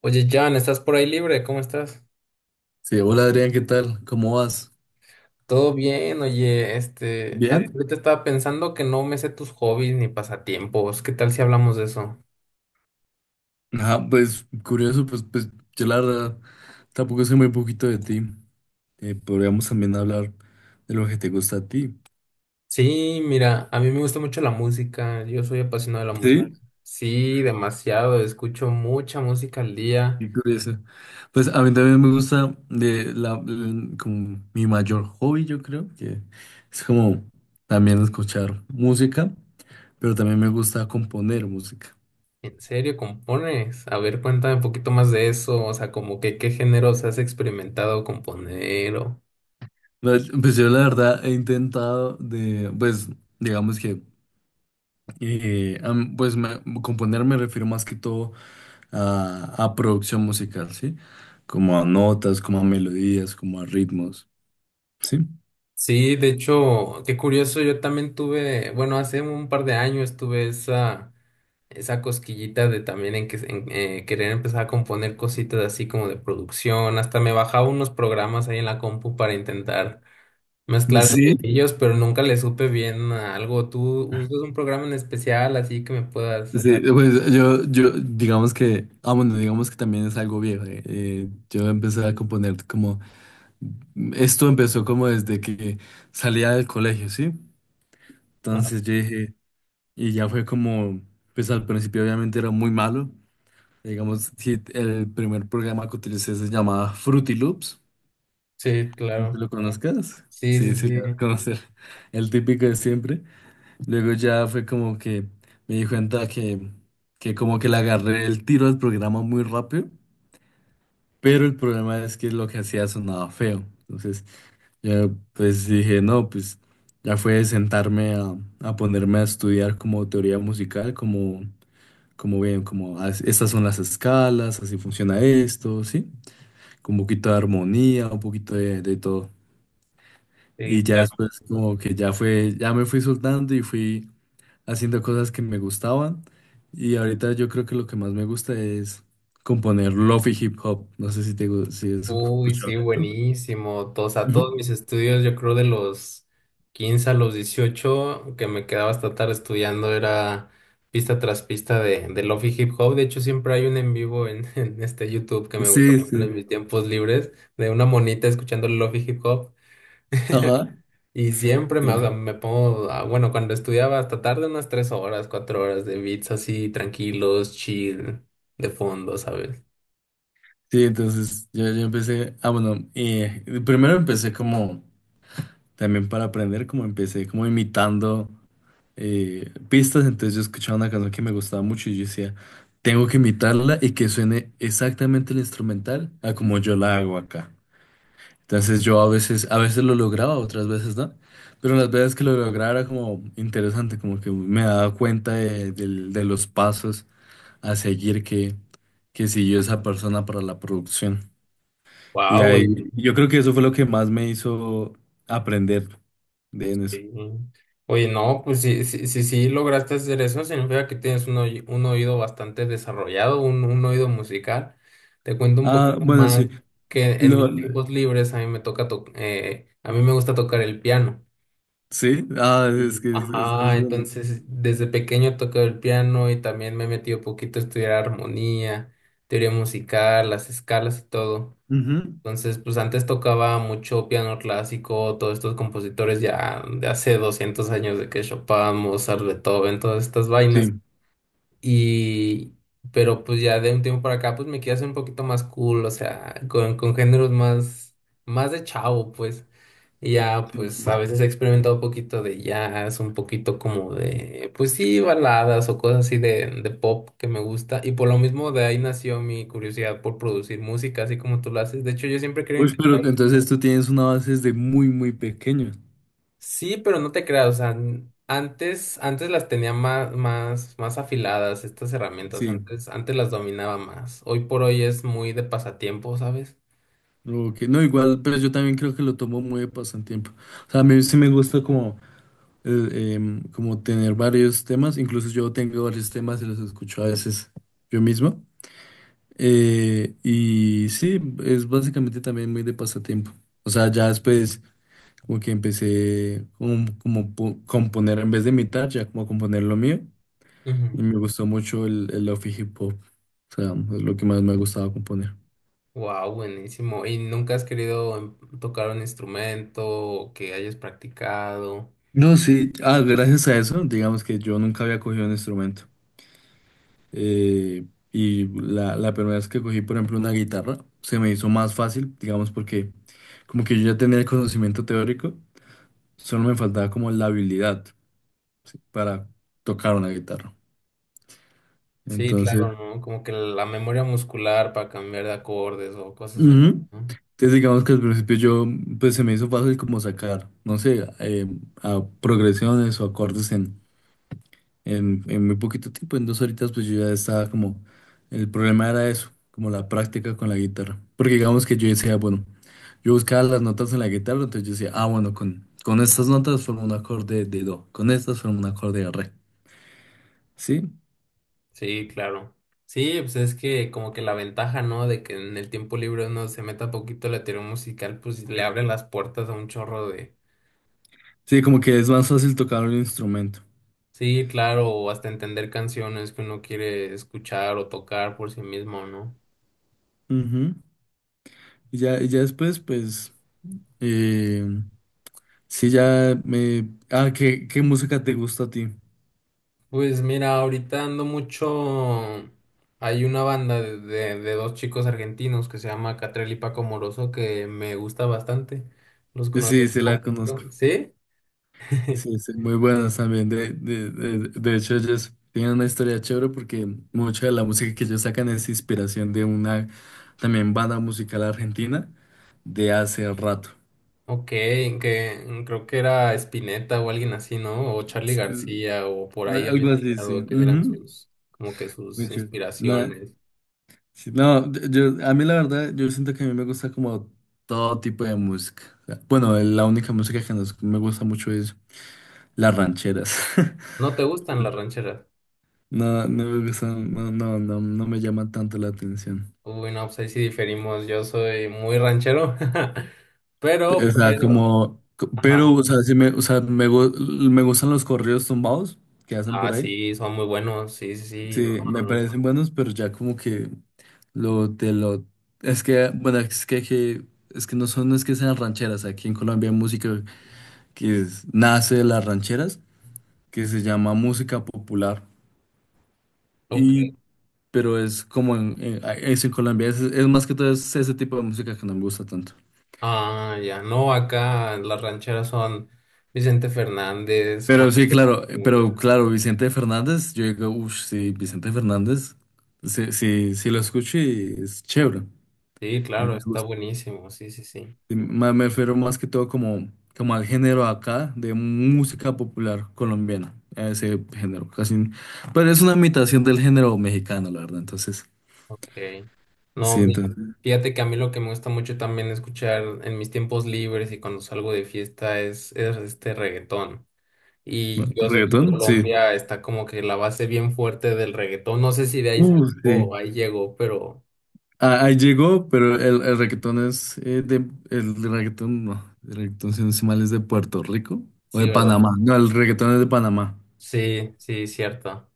Oye, Jan, ¿estás por ahí libre? ¿Cómo estás? Sí, hola Adrián, ¿qué tal? ¿Cómo vas? Todo bien, oye, Bien. ahorita estaba pensando que no me sé tus hobbies ni pasatiempos. ¿Qué tal si hablamos de eso? Ajá, pues curioso, pues yo la verdad tampoco sé muy poquito de ti. Podríamos también hablar de lo que te gusta a ti. Sí, mira, a mí me gusta mucho la música. Yo soy apasionado de la música. Sí. Sí, demasiado. Escucho mucha música al día. Qué curioso. Pues a mí también me gusta de la, como mi mayor hobby, yo creo, que es como también escuchar música, pero también me gusta componer música. ¿En serio compones? A ver, cuéntame un poquito más de eso. O sea, como que qué géneros has experimentado componer o... Yo la verdad he intentado de, pues digamos que… Componer me refiero más que todo a producción musical, ¿sí? Como a notas, como a melodías, como a ritmos, ¿sí? Sí, de hecho, qué curioso, yo también tuve, bueno, hace un par de años tuve esa cosquillita de también querer empezar a componer cositas así como de producción, hasta me bajaba unos programas ahí en la compu para intentar mezclar Sí, ellos, pero nunca le supe bien a algo. ¿Tú usas un programa en especial así que me puedas? sí, pues yo digamos que, ah bueno, digamos que también es algo viejo. Yo empecé a componer como, esto empezó como desde que salía del colegio, ¿sí? Ajá. Entonces yo dije, y ya fue como, pues al principio obviamente era muy malo. Digamos, si el primer programa que utilicé se llamaba Fruity Loops, Sí, no te claro. lo conozcas. Sí, sí, Sí, sí, lo vas a sí. conocer. El típico de siempre. Luego ya fue como que me di cuenta que como que le agarré el tiro al programa muy rápido, pero el problema es que lo que hacía sonaba feo. Entonces, yo pues dije, no, pues ya fue de sentarme a ponerme a estudiar como teoría musical, como, como bien, como: "Ah, estas son las escalas, así funciona esto, ¿sí?" Un poquito de armonía, un poquito de todo. Y Sí, ya claro. después como que ya fue, ya me fui soltando y fui haciendo cosas que me gustaban. Y ahorita yo creo que lo que más me gusta es componer lofi hip hop. No sé si si has Uy, escuchado sí, eso. buenísimo. O sea, Ujú. todos mis estudios, yo creo, de los 15 a los 18, que me quedaba hasta tarde estudiando, era pista tras pista de Lofi Hip Hop. De hecho, siempre hay un en vivo en, en este YouTube que me gusta Sí, poner sí. en mis tiempos libres, de una monita escuchando Lofi Hip Hop. Ajá. Y siempre me, o Sí. sea, me pongo. Bueno, cuando estudiaba hasta tarde, unas 3 horas, 4 horas de beats así, tranquilos, chill, de fondo, ¿sabes? Sí, entonces yo empecé, ah, bueno, primero empecé como, también para aprender, como empecé como imitando. Pistas, entonces yo escuchaba una canción que me gustaba mucho y yo decía, tengo que imitarla y que suene exactamente el instrumental a como yo la hago acá. Entonces yo a veces lo lograba, otras veces no, pero las veces que lo lograba era como interesante, como que me daba cuenta de, de los pasos a seguir que siguió esa persona para la producción. Y Wow. ahí yo creo que eso fue lo que más me hizo aprender de en eso. Sí. Oye, no, pues si lograste hacer eso, significa que tienes un oído bastante desarrollado, un oído musical. Te cuento un poco Ah, bueno, más sí. que en mis tiempos libres a mí me gusta tocar el piano. Sí, ah, es Y, que es, es, ajá, es bonito. entonces desde pequeño tocaba el piano y también me metí un poquito a estudiar armonía, teoría musical, las escalas y todo. Ujú. Entonces, pues antes tocaba mucho piano clásico, todos estos compositores ya de hace 200 años, de que Chopin, Mozart, Beethoven, todas estas vainas. Sí. Y pero pues ya de un tiempo para acá, pues me quiero hacer un poquito más cool, o sea, con géneros más, más de chavo, pues. Y ya, pues a veces he experimentado un poquito de jazz, un poquito como de, pues sí, baladas o cosas así de pop que me gusta. Y por lo mismo de ahí nació mi curiosidad por producir música, así como tú lo haces. De hecho, yo siempre quería Uy, pero intentar. entonces tú tienes una base desde muy, muy pequeño. Sí, pero no te creas, o sea, antes, antes las tenía más, más, más afiladas estas herramientas, Sí. Antes las dominaba más. Hoy por hoy es muy de pasatiempo, ¿sabes? Ok, no, igual, pero yo también creo que lo tomo muy de pasatiempo. O sea, a mí sí me gusta como, como tener varios temas. Incluso yo tengo varios temas y los escucho a veces yo mismo. Y sí, es básicamente también muy de pasatiempo. O sea, ya después como que empecé como, componer en vez de imitar, ya como a componer lo mío. Y me gustó mucho el lofi hip hop. O sea, es lo que más me gustaba componer. Wow, buenísimo. ¿Y nunca has querido tocar un instrumento o que hayas practicado? No, sí, ah, gracias a eso, digamos que yo nunca había cogido un instrumento. Y la primera vez que cogí, por ejemplo, una guitarra, se me hizo más fácil, digamos, porque como que yo ya tenía el conocimiento teórico, solo me faltaba como la habilidad para tocar una guitarra. Sí, Entonces, claro, ¿no? Como que la memoria muscular para cambiar de acordes o cosas así, ujú. ¿no? Entonces digamos que al principio yo, pues se me hizo fácil como sacar, no sé, a progresiones o acordes en en muy poquito tiempo, en 2 horitas, pues yo ya estaba como, el problema era eso, como la práctica con la guitarra. Porque digamos que yo decía, bueno, yo buscaba las notas en la guitarra, entonces yo decía, ah, bueno, con estas notas formo un acorde de do, con estas formo un acorde de re, ¿sí? Sí, claro. Sí, pues es que como que la ventaja, ¿no? De que en el tiempo libre uno se meta poquito a la teoría musical, pues le abre las puertas a un chorro Sí, como de- que es más fácil tocar un instrumento. Sí, claro, o hasta entender canciones que uno quiere escuchar o tocar por sí mismo, ¿no? Ujú. Y ya después, pues, eh, sí, ya me... Ah, ¿qué, qué música te gusta a ti? Pues mira, ahorita ando mucho... Hay una banda de dos chicos argentinos que se llama Catrel y Paco Moroso que me gusta bastante. Los conozco Sí, un sí, la conozco. poquito, ¿sí? Sí, sí, muy buenas también. De, de hecho, ellos tienen una historia chévere porque mucha de la música que ellos sacan es inspiración de una también banda musical argentina de hace rato. Ok, que creo que era Spinetta o alguien así, ¿no? O Charly Es, García, o por ahí había algo así, sí. escuchado que eran Ujú. sus, como que sus Muy chévere. Na- inspiraciones. sí, no, yo, a mí la verdad, yo siento que a mí me gusta como todo tipo de música. O sea, bueno, la única música que me gusta mucho es las rancheras. ¿No te gustan las rancheras? No, no me gustan, no, no, no, no me llama tanto la atención. Uy, no, pues ahí sí diferimos. Yo soy muy ranchero, O sea, pero, como, pero, ajá. o sea, sí me, o sea, me, me gustan los corridos tumbados que hacen Ah, por ahí. sí, son muy buenos, sí, sí, sí, no, Sí, me no, no. parecen buenos, pero ya como que lo te lo… Es que bueno, es que, es que no son, no es que sean rancheras, aquí en Colombia hay música que nace de las rancheras, que se llama música popular, Ok. y pero es como en, es en Colombia, es más que todo es ese tipo de música que no me gusta tanto. Ah, ya, no, acá las rancheras son Vicente Fernández, Juan Pero sí, Carlos claro, Luna. pero claro, Vicente Fernández, yo digo, uff, sí, Vicente Fernández, sí, sí, sí lo escucho y es chévere. Sí, A mí claro, me está gusta. buenísimo, sí, sí, sí. Y me refiero más que todo como, como al género acá de música popular colombiana, a ese género, casi. Pero es una imitación del género mexicano, la verdad, entonces. Ok. No, Sí, entonces. fíjate que a mí lo que me gusta mucho también escuchar en mis tiempos libres y cuando salgo de fiesta es este reggaetón. Y Bueno, yo sé que en ¿reggaetón? Sí. Colombia está como que la base bien fuerte del reggaetón. No sé si de ahí salió o Sí. ahí llegó, pero Ah, ahí llegó, pero el reggaetón es de el reggaetón no, el reggaetón si no estoy mal, es de Puerto Rico o sí, de ¿verdad? Panamá. No, el reggaetón es de Panamá. Sí, sí, cierto.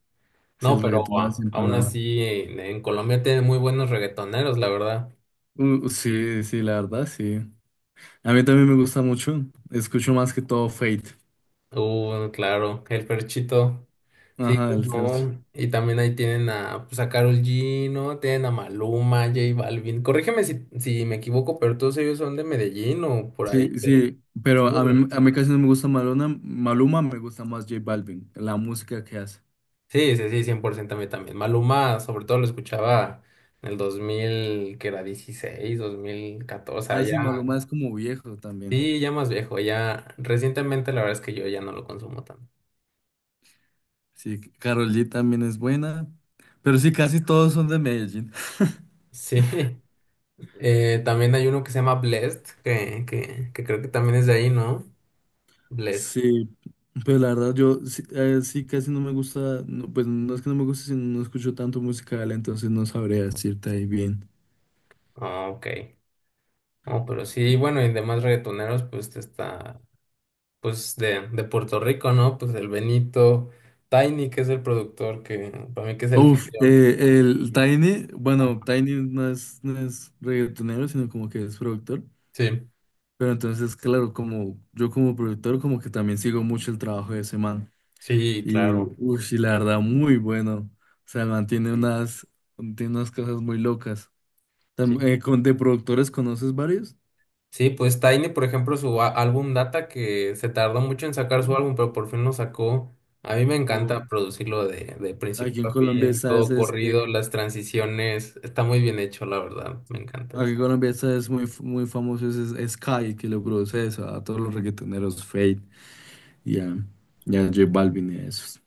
Sí, No, el pero reggaetón nace en aún Panamá. así en Colombia tiene muy buenos reggaetoneros, la verdad. Sí, sí, la verdad, sí. A mí también me gusta mucho. Escucho más que todo Fate. Claro, el perchito. Sí, Ajá, pues, el Fercho. no. Y también ahí tienen a, pues, a Karol G, ¿no? Tienen a Maluma, J Balvin. Corrígeme si me equivoco, pero todos ellos son de Medellín o por ahí. Sí, De- sí, pero Sí, ¿verdad? A mí casi no me gusta Maluma, Maluma me gusta más J Balvin, la música que hace. Sí, sí, sí, 100% a mí también. Maluma, sobre todo, lo escuchaba en el 2000, que era 16, Ah, 2014, sí, ya. Maluma es como viejo también. Sí, ya más viejo, ya. Recientemente, la verdad es que yo ya no lo consumo tanto. Sí, Karol G también es buena, pero sí, casi todos son de Medellín. Sí. También hay uno que se llama Blessed, que creo que también es de ahí, ¿no? Blessed. Sí, pero la verdad yo sí, sí casi no me gusta, no, pues no es que no me guste, sino no escucho tanto musical, entonces no sabría decirte ahí bien. Ah, ok. Oh, pero sí, bueno, y demás reggaetoneros, pues está, pues de Puerto Rico, ¿no? Pues el Benito, Tiny, que es el productor, que para mí que es el Uf, genio. Que- el Y- Tiny, bueno, Tiny no es reggaetonero, sino como que es productor, Sí, pero entonces, claro, como yo como productor, como que también sigo mucho el trabajo de ese man, sí, y, claro. uf, y la verdad, muy bueno, o sea, mantiene Y- unas, tiene unas cosas muy locas. Sí, ¿De productores conoces varios? sí, pues Tiny, por ejemplo, su álbum Data, que se tardó mucho en sacar su ¿No? álbum, pero por fin lo sacó. A mí me O encanta producirlo de principio aquí en a Colombia fin, sabes todo es, corrido, las transiciones, está muy bien hecho, la verdad, me sí. encanta Aquí eso. en Colombia está es muy, muy famoso es Sky que lo produce eso, a todos los reggaetoneros Fate y a, y a J Balvin y a esos.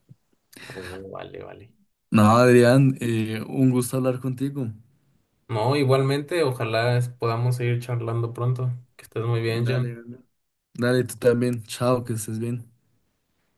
Oh, vale, vale. No, Adrián, un gusto hablar contigo. No, igualmente, ojalá podamos seguir charlando pronto. Que estés muy bien, Dale, Jan. dale, dale, tú también. Chao, que estés bien.